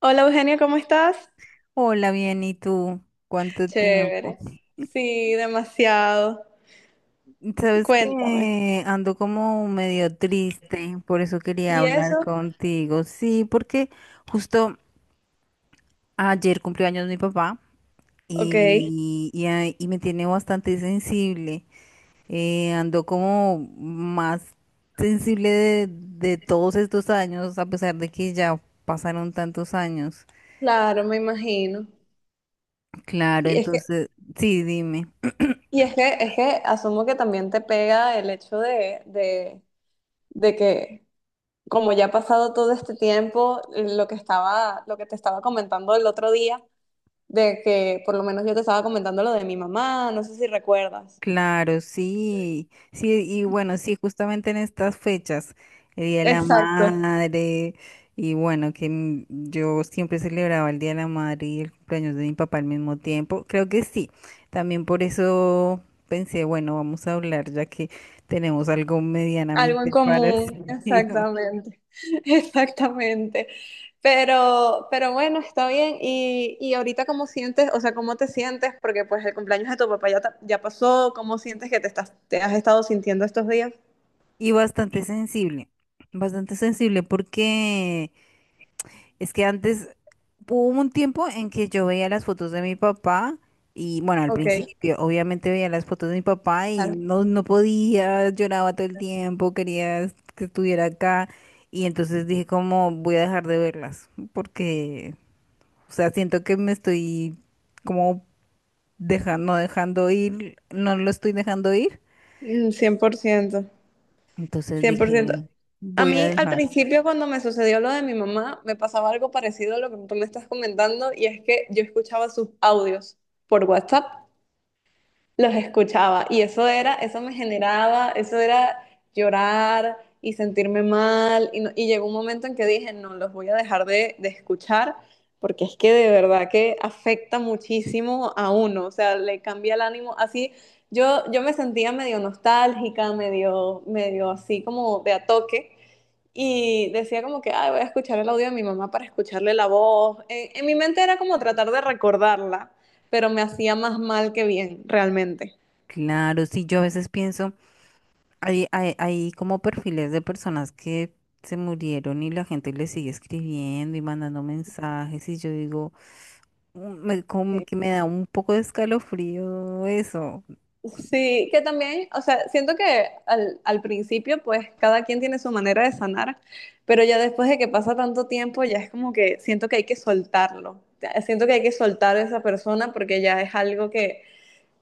Hola Eugenio, ¿cómo estás? Hola, bien, ¿y tú? ¿Cuánto tiempo? Chévere. Sí, demasiado. Sabes Cuéntame. que ando como medio triste, por eso quería ¿Y hablar eso? contigo. Sí, porque justo ayer cumplió años mi papá Ok, y me tiene bastante sensible. Ando como más sensible de todos estos años, a pesar de que ya pasaron tantos años. claro, me imagino. Claro, Y es que, entonces, sí, dime. Es que asumo que también te pega el hecho de que como ya ha pasado todo este tiempo, lo que te estaba comentando el otro día, de que por lo menos yo te estaba comentando lo de mi mamá, no sé si recuerdas. Claro, sí, sí, y bueno, sí, justamente en estas fechas, el Día de la Exacto. Madre, y bueno, que yo siempre celebraba el Día de la Madre y el cumpleaños de mi papá al mismo tiempo, creo que sí, también por eso pensé, bueno, vamos a hablar ya que tenemos algo Algo en medianamente común, parecido. exactamente, exactamente. Pero bueno, está bien. Y ahorita, ¿cómo sientes? O sea, ¿cómo te sientes? Porque pues el cumpleaños de tu papá ya, ya pasó. ¿Cómo sientes que te estás, te has estado sintiendo estos días? Y bastante sensible porque es que antes hubo un tiempo en que yo veía las fotos de mi papá y bueno, al Ok, principio obviamente veía las fotos de mi papá y claro. no, no podía, lloraba todo el tiempo, quería que estuviera acá, y entonces dije, como, voy a dejar de verlas porque, o sea, siento que me estoy como dejando, no dejando ir, no lo estoy dejando ir. Mm, 100%, Entonces cien por dije, ciento. A voy a mí, al dejar. principio, cuando me sucedió lo de mi mamá, me pasaba algo parecido a lo que tú me estás comentando, y es que yo escuchaba sus audios por WhatsApp, los escuchaba y eso era, eso me generaba, eso era llorar y sentirme mal , y y llegó un momento en que dije, no, los voy a dejar de escuchar, porque es que de verdad que afecta muchísimo a uno, o sea, le cambia el ánimo así. Yo me sentía medio nostálgica, medio, medio así como de a toque y decía como que, ay, voy a escuchar el audio de mi mamá para escucharle la voz. En mi mente era como tratar de recordarla, pero me hacía más mal que bien, realmente. Claro, sí, yo a veces pienso. Hay como perfiles de personas que se murieron y la gente les sigue escribiendo y mandando mensajes y yo digo, "Mm, me, como que Sí, me da un poco de escalofrío eso". sí, que también, o sea, siento que al principio, pues cada quien tiene su manera de sanar, pero ya después de que pasa tanto tiempo, ya es como que siento que hay que soltarlo. Ya siento que hay que soltar a esa persona porque ya es algo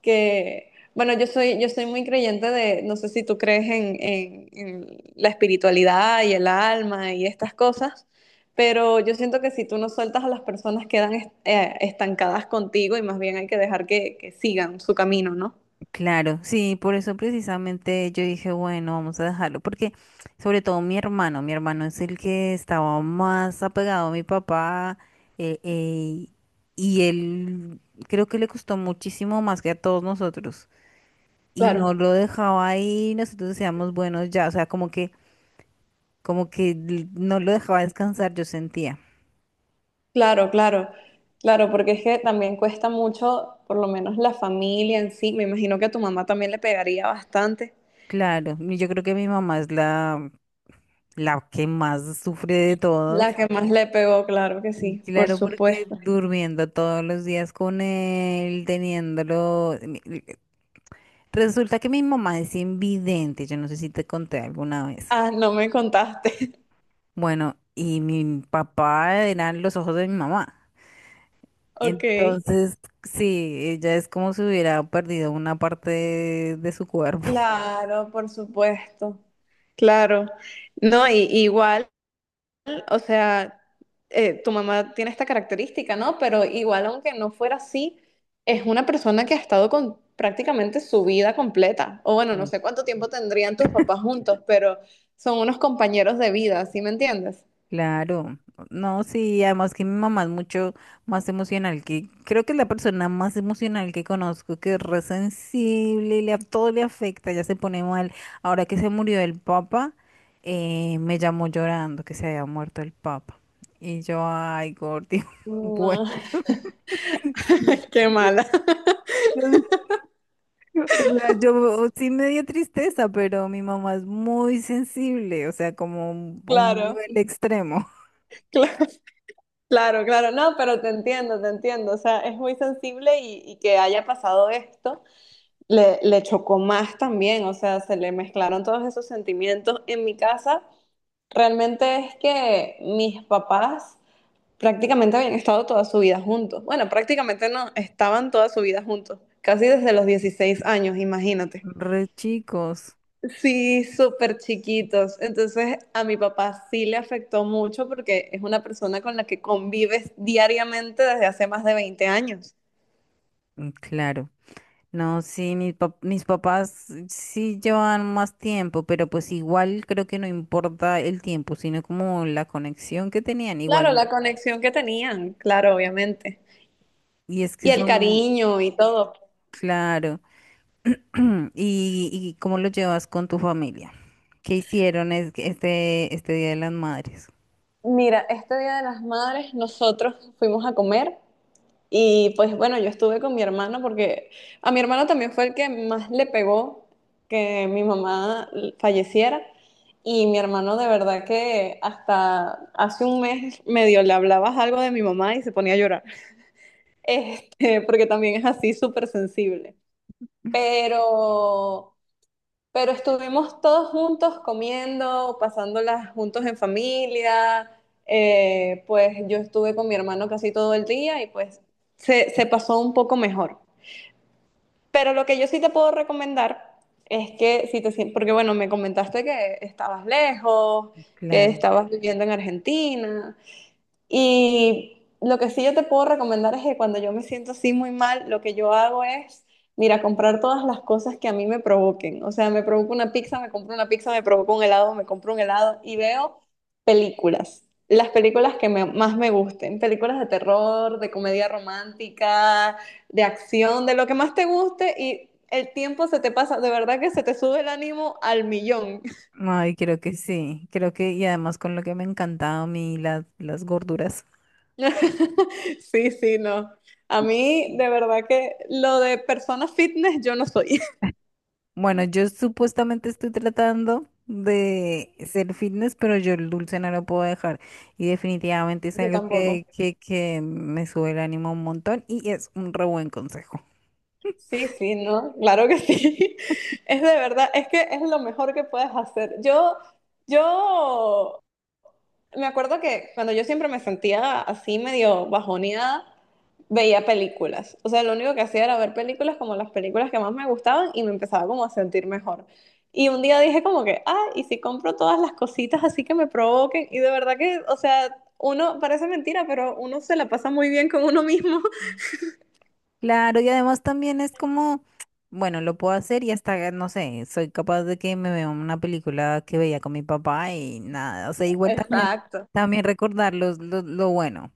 que bueno, yo soy muy creyente de, no sé si tú crees en la espiritualidad y el alma y estas cosas. Pero yo siento que si tú no sueltas a las personas quedan estancadas contigo y más bien hay que dejar que sigan su camino, ¿no? Claro, sí, por eso precisamente yo dije, bueno, vamos a dejarlo, porque sobre todo mi hermano es el que estaba más apegado a mi papá, eh, eh, y él creo que le costó muchísimo más que a todos nosotros, y no Claro, lo dejaba ahí. Nosotros decíamos, buenos, ya, o sea, como que no lo dejaba descansar, yo sentía. claro, claro, claro, porque es que también cuesta mucho, por lo menos la familia en sí, me imagino que a tu mamá también le pegaría bastante. Claro, y yo creo que mi mamá es la que más sufre de La todos. que más le pegó, claro que Y sí, por claro, porque supuesto. durmiendo todos los días con él, teniéndolo. Resulta que mi mamá es invidente, yo no sé si te conté alguna vez. Ah, no me contaste. Bueno, y mi papá eran los ojos de mi mamá. Ok, Entonces, sí, ella es como si hubiera perdido una parte de su cuerpo. claro, por supuesto. Claro. No, y, igual. O sea, tu mamá tiene esta característica, ¿no? Pero igual, aunque no fuera así, es una persona que ha estado con prácticamente su vida completa. O bueno, no Mm. sé cuánto tiempo tendrían tus papás juntos, pero son unos compañeros de vida, ¿sí me entiendes? Claro, no, sí, además que mi mamá es mucho más emocional que, creo que es la persona más emocional que conozco, que es re sensible, y le, a- todo le afecta, ya se pone mal. Ahora que se murió el papa, me llamó llorando que se había muerto el papa. Y yo, ay, Gordy, bueno. No, qué mala. O sea, yo sí me dio tristeza, pero mi mamá es muy sensible, o sea, como un a un Claro, nivel extremo. claro, claro, claro. No, pero te entiendo, te entiendo. O sea, es muy sensible y que haya pasado esto. Le chocó más también, o sea, se le mezclaron todos esos sentimientos. En mi casa, realmente es que mis papás prácticamente habían estado toda su vida juntos. Bueno, prácticamente no, estaban toda su vida juntos, casi desde los 16 años, imagínate. Re chicos. Sí, súper chiquitos. Entonces a mi papá sí le afectó mucho porque es una persona con la que convives diariamente desde hace más de 20 años. Mm, claro. No, sí, mis papás sí llevan más tiempo, pero pues igual creo que no importa el tiempo, sino como la conexión que tenían, Claro, igual. la conexión que tenían, claro, obviamente. Y es que Y el son, cariño y todo. claro. ¿Y cómo lo llevas con tu familia? ¿Qué hicieron este Día de las Madres? Mira, este Día de las Madres nosotros fuimos a comer. Y pues bueno, yo estuve con mi hermano porque a mi hermano también fue el que más le pegó que mi mamá falleciera. Y mi hermano de verdad que hasta hace un mes medio le hablabas algo de mi mamá y se ponía a llorar. Este, porque también es así súper sensible. Pero pero estuvimos todos juntos comiendo, pasándolas juntos en familia. Pues yo estuve con mi hermano casi todo el día y pues se pasó un poco mejor. Pero lo que yo sí te puedo recomendar es que si te sientes, porque bueno, me comentaste que estabas lejos, que Claro. estabas viviendo en Argentina. Y lo que sí yo te puedo recomendar es que cuando yo me siento así muy mal, lo que yo hago es, mira, comprar todas las cosas que a mí me provoquen. O sea, me provoca una pizza, me compro una pizza, me provoca un helado, me compro un helado y veo películas. Las películas que más me gusten, películas de terror, de comedia romántica, de acción, de lo que más te guste y el tiempo se te pasa, de verdad que se te sube el ánimo al millón. Ay, creo que sí, creo que y además con lo que me encantaba a mí las gorduras. Sí, sí, no. A mí, de verdad que lo de persona fitness yo no soy. Bueno, yo supuestamente estoy tratando de ser fitness, pero yo el dulce no lo puedo dejar y definitivamente es Yo algo tampoco. que me sube el ánimo un montón y es un re buen consejo. Sí, sí, no, claro que sí. Es de verdad, es que es lo mejor que puedes hacer. Yo me acuerdo que cuando yo siempre me sentía así medio bajoneada, veía películas. O sea, lo único que hacía era ver películas como las películas que más me gustaban y me empezaba como a sentir mejor. Y un día dije como que, ah, y si compro todas las cositas así que me provoquen. Y de verdad que, o sea, uno parece mentira, pero uno se la pasa muy bien con uno mismo. Claro, y además también es como, bueno, lo puedo hacer y hasta, no sé, soy capaz de que me vea una película que veía con mi papá y nada, o sea, igual también, Exacto, también recordar lo bueno.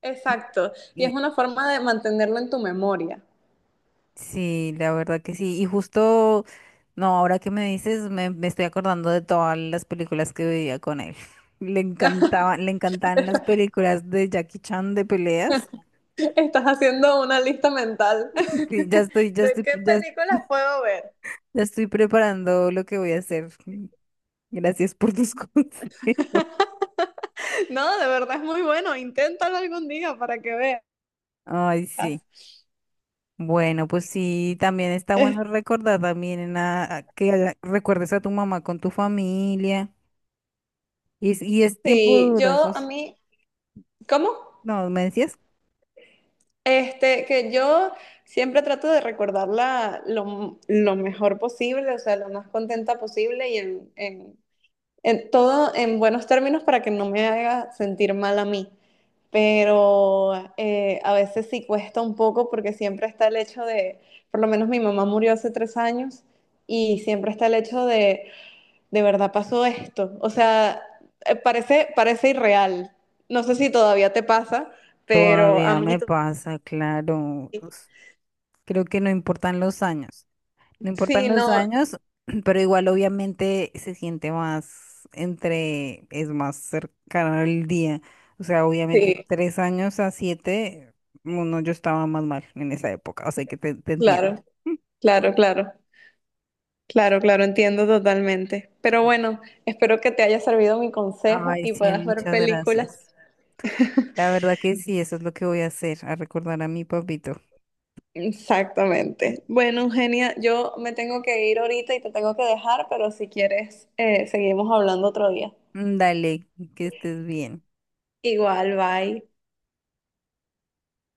exacto. Y es una forma de mantenerlo en tu memoria. Sí, la verdad que sí. Y justo, no, ahora que me dices, me estoy acordando de todas las películas que veía con él. Le encantaban las películas de Jackie Chan de peleas. Estás haciendo una lista mental Sí, ya estoy, ya de estoy, qué ya, películas puedo ver. ya estoy preparando lo que voy a hacer. Gracias por tus consejos. No, de verdad es muy bueno. Inténtalo algún día para que veas. Ay, sí. Bueno, pues sí, también está bueno recordar también a que recuerdes a tu mamá con tu familia. Y es tiempo Sí, yo a durosos. mí, ¿cómo? No, ¿me decías? Este, que yo siempre trato de recordarla lo mejor posible, o sea, lo más contenta posible y en todo en buenos términos para que no me haga sentir mal a mí. Pero a veces sí cuesta un poco porque siempre está el hecho de, por lo menos mi mamá murió hace 3 años y siempre está el hecho de verdad pasó esto. O sea, parece, parece irreal. No sé si todavía te pasa, pero a Todavía mí me pasa, claro. Creo que no importan los años. No importan sí, los no, años, pero igual obviamente se siente más entre, es más cercano el día. O sea, obviamente sí, 3 años a 7, uno yo estaba más mal en esa época, o sea que te entiendo. claro, claro, claro, claro, claro, entiendo totalmente. Pero bueno, espero que te haya servido mi consejo Ay, y sí, puedas ver muchas películas. gracias. La verdad que sí, eso es lo que voy a hacer, a recordar a mi papito. Exactamente. Bueno, Eugenia, yo me tengo que ir ahorita y te tengo que dejar, pero si quieres, seguimos hablando otro día. Mm, dale, que estés bien. Igual, bye.